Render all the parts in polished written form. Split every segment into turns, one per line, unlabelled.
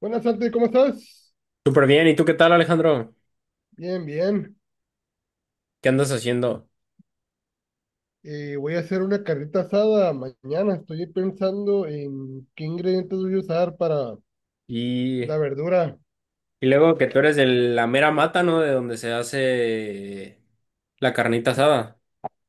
Buenas, Santi, ¿cómo estás?
Súper bien, ¿y tú qué tal, Alejandro?
Bien, bien.
¿Qué andas haciendo?
Voy a hacer una carnita asada mañana. Estoy pensando en qué ingredientes voy a usar para
Y
la verdura.
luego que tú eres de la mera mata, ¿no? De donde se hace la carnita asada.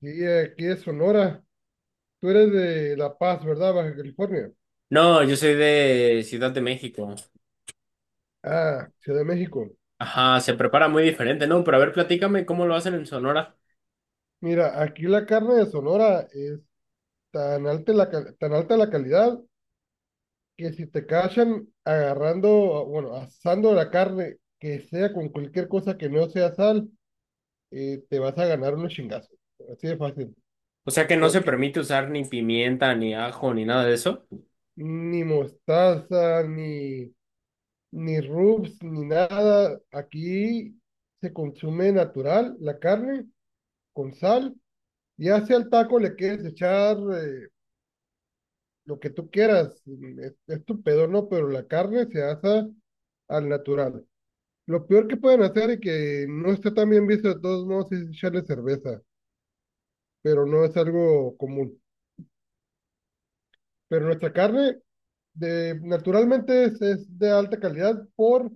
Y aquí es Sonora. Tú eres de La Paz, ¿verdad? Baja California.
No, yo soy de Ciudad de México.
Ah, Ciudad de México.
Ajá, se prepara muy diferente, ¿no? Pero a ver, platícame cómo lo hacen en Sonora.
Mira, aquí la carne de Sonora es tan alta la calidad que si te cachan agarrando, bueno, asando la carne, que sea con cualquier cosa que no sea sal, te vas a ganar unos chingazos. Así de fácil.
O sea que no se
Porque
permite usar ni pimienta, ni ajo, ni nada de eso.
ni mostaza, ni rubs, ni nada. Aquí se consume natural la carne con sal. Ya sea el taco le quieres echar lo que tú quieras, es tu pedo, ¿no? Pero la carne se hace al natural. Lo peor que pueden hacer y que no está tan bien visto de todos modos es echarle cerveza, pero no es algo común. Pero nuestra carne naturalmente es de alta calidad por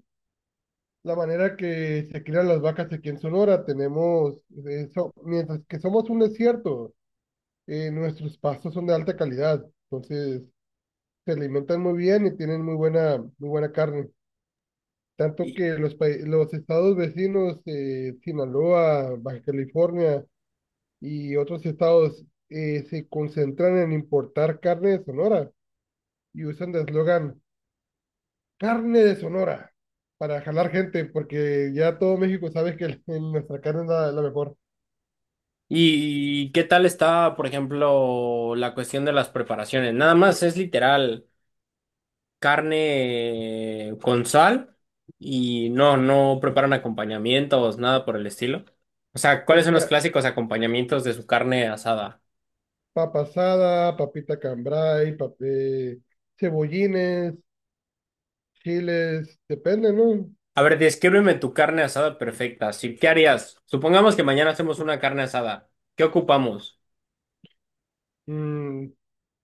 la manera que se crían las vacas aquí en Sonora. Tenemos, eso, mientras que somos un desierto, nuestros pastos son de alta calidad, entonces se alimentan muy bien y tienen muy buena carne. Tanto
¿Y,
que los estados vecinos, Sinaloa, Baja California y otros estados, se concentran en importar carne de Sonora y usan de eslogan, carne de Sonora para jalar gente, porque ya todo México sabe que nuestra carne es la mejor.
y qué tal está, por ejemplo, la cuestión de las preparaciones? Nada más es literal. Carne con sal y no preparan acompañamientos, nada por el estilo. O sea, ¿cuáles
Pues
son los clásicos acompañamientos de su carne asada?
papa asada, papita cambray, cebollines, chiles, depende, ¿no?
A ver, descríbeme tu carne asada perfecta. Sí, ¿qué harías? Supongamos que mañana hacemos una carne asada. ¿Qué ocupamos?
Mm,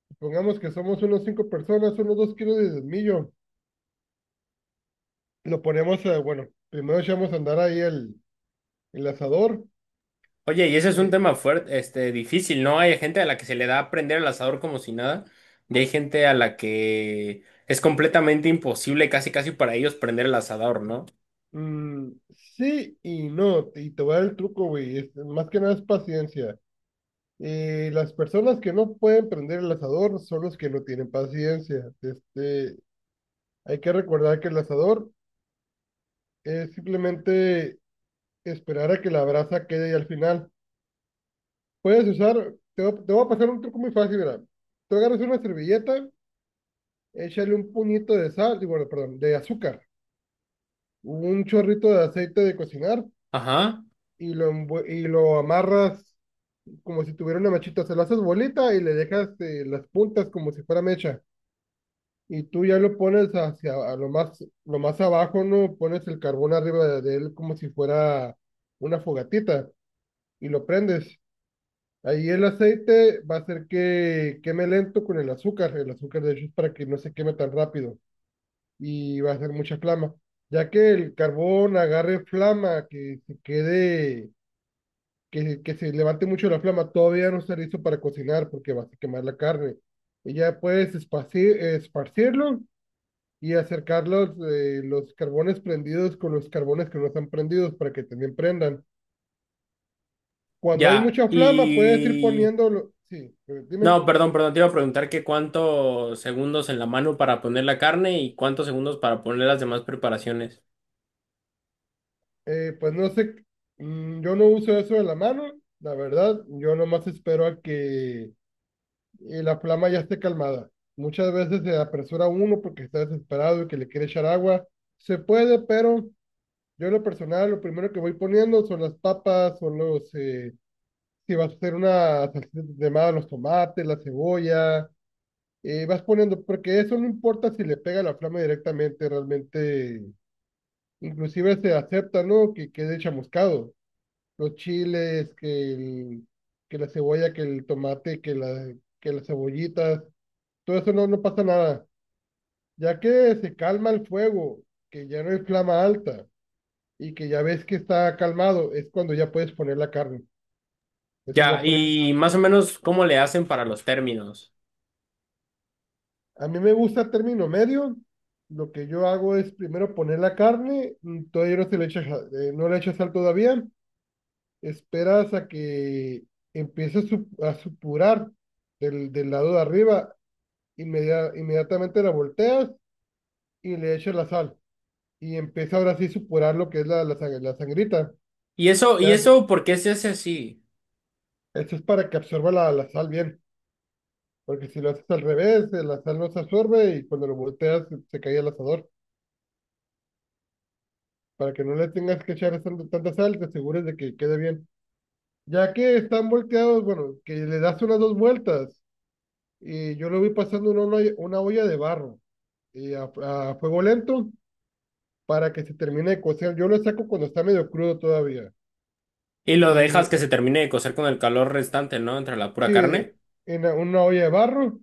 Supongamos que somos unos cinco personas, unos 2 kilos de millo. Lo ponemos, bueno, primero echamos a andar ahí el asador.
Oye, y ese es un
eh,
tema fuerte, este, difícil, ¿no? Hay gente a la que se le da a prender el asador como si nada, y hay gente a la que es completamente imposible, casi casi para ellos prender el asador, ¿no?
mm, sí y no, y te voy a dar el truco, güey. Más que nada es paciencia. Las personas que no pueden prender el asador son los que no tienen paciencia. Hay que recordar que el asador es simplemente esperar a que la brasa quede y al final puedes usar, te voy a pasar un truco muy fácil, mira. Tú agarras una servilleta, échale un puñito de sal, digo, perdón, de azúcar, un chorrito de aceite de cocinar
Ajá.
y y lo amarras como si tuviera una mechita, se lo haces bolita y le dejas las puntas como si fuera mecha. Y tú ya lo pones hacia a lo más abajo, ¿no? Pones el carbón arriba de él como si fuera una fogatita y lo prendes. Ahí el aceite va a hacer que queme lento con el azúcar. El azúcar, de hecho, es para que no se queme tan rápido y va a hacer mucha flama. Ya que el carbón agarre flama, que se quede, que se levante mucho la flama, todavía no está listo para cocinar porque vas a quemar la carne. Y ya puedes esparcirlo y acercar los carbones prendidos con los carbones que no están prendidos para que también prendan. Cuando hay
Ya,
mucha flama, puedes ir
y...
poniéndolo. Sí, dime.
No, perdón, perdón, te iba a preguntar que cuántos segundos en la mano para poner la carne y cuántos segundos para poner las demás preparaciones.
Pues no sé, yo no uso eso de la mano, la verdad, yo nomás espero a que la flama ya esté calmada. Muchas veces se apresura uno porque está desesperado y que le quiere echar agua. Se puede, pero yo en lo personal, lo primero que voy poniendo son las papas, si vas a hacer una salsita de más, los tomates, la cebolla, vas poniendo, porque eso no importa si le pega la flama directamente, realmente, inclusive se acepta, ¿no? Que quede chamuscado los chiles, que la cebolla, que el tomate, que las cebollitas, todo eso no pasa nada. Ya que se calma el fuego, que ya no hay flama alta y que ya ves que está calmado, es cuando ya puedes poner la carne. Eso
Ya,
ya puedes.
y más o menos cómo le hacen para los términos.
A mí me gusta término medio. Lo que yo hago es primero poner la carne, todavía no se le echa, ja- no le echa sal todavía, esperas a que empiece a supurar del lado de arriba. Inmediatamente la volteas y le echas la sal. Y empieza ahora sí a supurar lo que es la sangrita.
Y
Ya es-
eso, ¿por qué se hace así?
Eso es para que absorba la sal bien. Porque si lo haces al revés, la sal no se absorbe y cuando lo volteas se cae el asador. Para que no le tengas que echar tanta sal, te asegures de que quede bien. Ya que están volteados, bueno, que le das unas dos vueltas. Y yo lo vi pasando en una olla de barro y a fuego lento para que se termine de cocer. Yo lo saco cuando está medio crudo todavía.
Y lo dejas
Y
que se termine de cocer con el calor restante, ¿no? Entre la pura
sí,
carne.
en una olla de barro.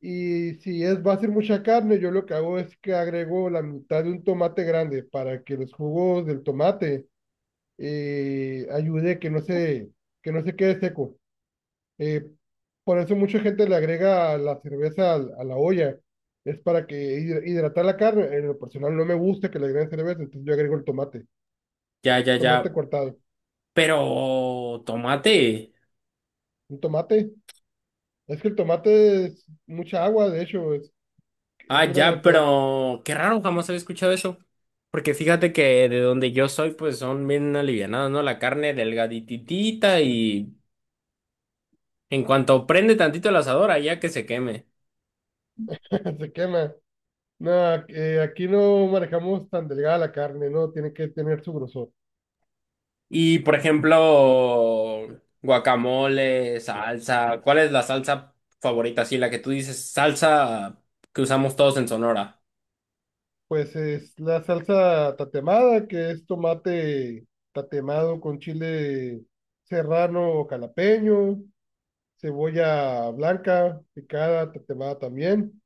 Y si va a ser mucha carne, yo lo que hago es que agrego la mitad de un tomate grande para que los jugos del tomate ayude que no se quede seco. Eh, por eso mucha gente le agrega la cerveza la olla. Es para que hidratar la carne. En lo personal no me gusta que le agreguen cerveza, entonces yo agrego el tomate,
Ya, ya, ya.
tomate cortado.
Pero, tomate.
Un tomate, es que el tomate es mucha agua, de hecho, es
Ah,
una
ya,
gran cantidad.
pero qué raro, jamás había escuchado eso. Porque fíjate que de donde yo soy, pues son bien alivianadas, ¿no? La carne delgadititita y en cuanto prende tantito el asador, allá que se queme.
Se quema. Nada, aquí no manejamos tan delgada la carne, ¿no? Tiene que tener su grosor.
Y por ejemplo, guacamole, salsa. ¿Cuál es la salsa favorita? Sí, la que tú dices, salsa que usamos todos en Sonora.
Pues es la salsa tatemada, que es tomate tatemado con chile serrano o calapeño, cebolla blanca picada, tatemada también.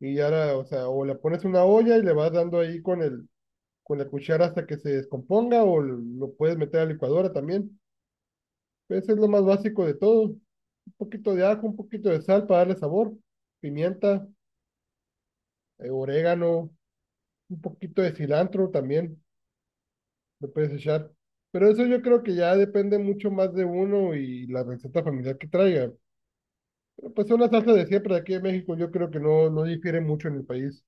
Y ahora o sea, o la pones en una olla y le vas dando ahí con con la cuchara hasta que se descomponga, o lo puedes meter a la licuadora también. Pues es lo más básico de todo. Un poquito de ajo, un poquito de sal para darle sabor, pimienta. Orégano, un poquito de cilantro también, le puedes echar. Pero eso yo creo que ya depende mucho más de uno y la receta familiar que traiga. Pero pues es una salsa de siempre de aquí en México, yo creo que no difiere mucho en el país.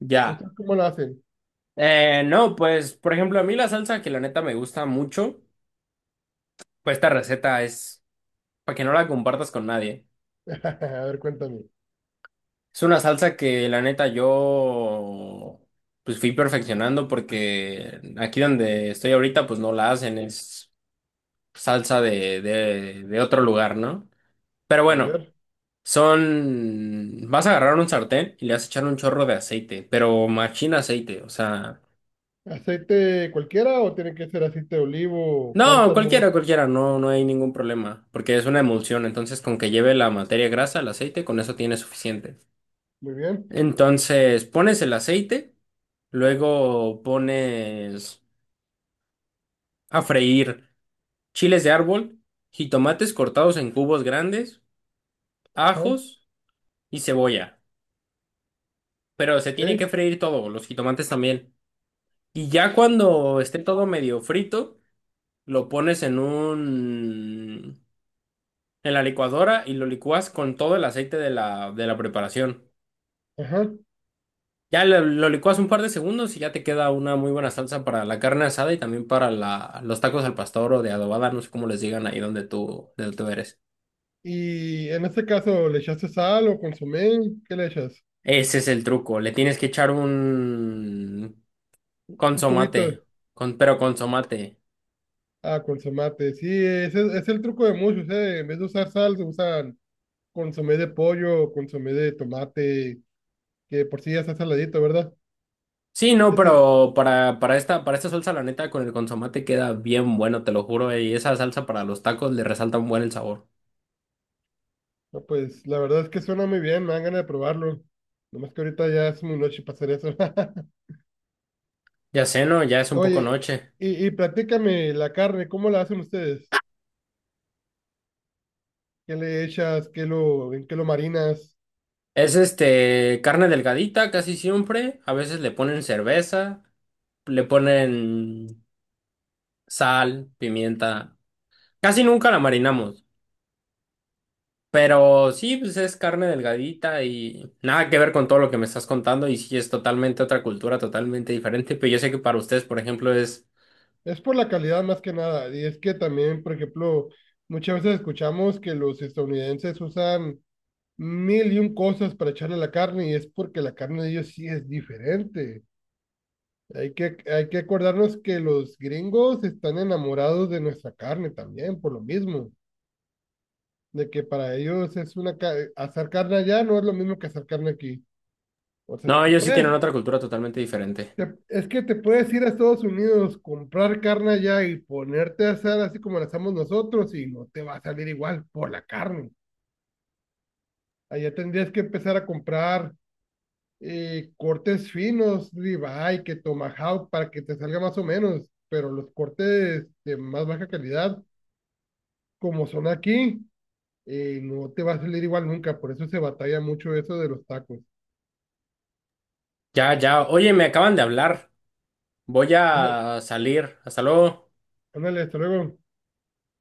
Ya.
¿Ustedes cómo la hacen?
No, pues por ejemplo, a mí la salsa que la neta me gusta mucho, pues esta receta es para que no la compartas con nadie.
A ver, cuéntame.
Es una salsa que la neta yo pues fui perfeccionando porque aquí donde estoy ahorita pues no la hacen, es salsa de otro lugar, ¿no? Pero
A
bueno,
ver,
son... Vas a agarrar un sartén y le vas a echar un chorro de aceite, pero machín aceite, o sea...
¿aceite cualquiera o tiene que ser aceite de olivo,
No,
cártamo?
cualquiera, cualquiera, no, no hay ningún problema, porque es una emulsión, entonces con que lleve la materia grasa, el aceite, con eso tiene suficiente.
Muy bien.
Entonces pones el aceite, luego pones a freír chiles de árbol, jitomates cortados en cubos grandes,
Ajá,
ajos y cebolla. Pero se tiene
ok.
que freír todo, los jitomates también. Y ya cuando esté todo medio frito, lo pones en un... en la licuadora y lo licúas con todo el aceite de la preparación.
Ajá.
Ya lo licuas un par de segundos y ya te queda una muy buena salsa para la carne asada y también para la, los tacos al pastor o de adobada, no sé cómo les digan ahí donde tú, de donde tú eres.
Y en este caso, ¿le echaste sal o consomé? ¿Qué le echas?
Ese es el truco, le tienes que echar un
Un
consomate,
cubito.
con, pero consomate.
Ah, consomate. Sí, ese es el truco de muchos, ¿eh? En vez de usar sal, se usan consomé de pollo, consomé de tomate, que por sí ya está saladito, ¿verdad?
Sí, no,
Es el,
pero para esta, para esta salsa, la neta, con el consomate queda bien bueno, te lo juro, y esa salsa para los tacos le resalta un buen el sabor.
no, pues la verdad es que suena muy bien, me dan ganas de probarlo. Nomás que ahorita ya es muy noche para hacer eso.
Ya sé, ¿no? Ya es un poco
Oye,
noche.
y platícame la carne, ¿cómo la hacen ustedes? ¿Qué le echas? ¿ En qué lo marinas?
Es este, carne delgadita casi siempre, a veces le ponen cerveza. Le ponen sal, pimienta. Casi nunca la marinamos, pero sí, pues es carne delgadita y nada que ver con todo lo que me estás contando y sí es totalmente otra cultura, totalmente diferente, pero yo sé que para ustedes, por ejemplo, es...
Es por la calidad más que nada. Y es que también, por ejemplo, muchas veces escuchamos que los estadounidenses usan mil y un cosas para echarle a la carne y es porque la carne de ellos sí es diferente. Hay que acordarnos que los gringos están enamorados de nuestra carne también, por lo mismo, de que para ellos hacer carne allá no es lo mismo que hacer carne aquí. O sea, si
No,
te
ellos sí tienen
puedes,
otra cultura totalmente diferente.
te- es que te puedes ir a Estados Unidos, comprar carne allá y ponerte a hacer así como la hacemos nosotros y no te va a salir igual por la carne. Allá tendrías que empezar a comprar cortes finos, ribeye, que tomahawk, para que te salga más o menos, pero los cortes de más baja calidad, como son aquí, no te va a salir igual nunca, por eso se batalla mucho eso de los tacos.
Ya, ya, oye, me acaban de hablar. Voy
Ándale,
a salir. Hasta luego.
ándale, hasta luego.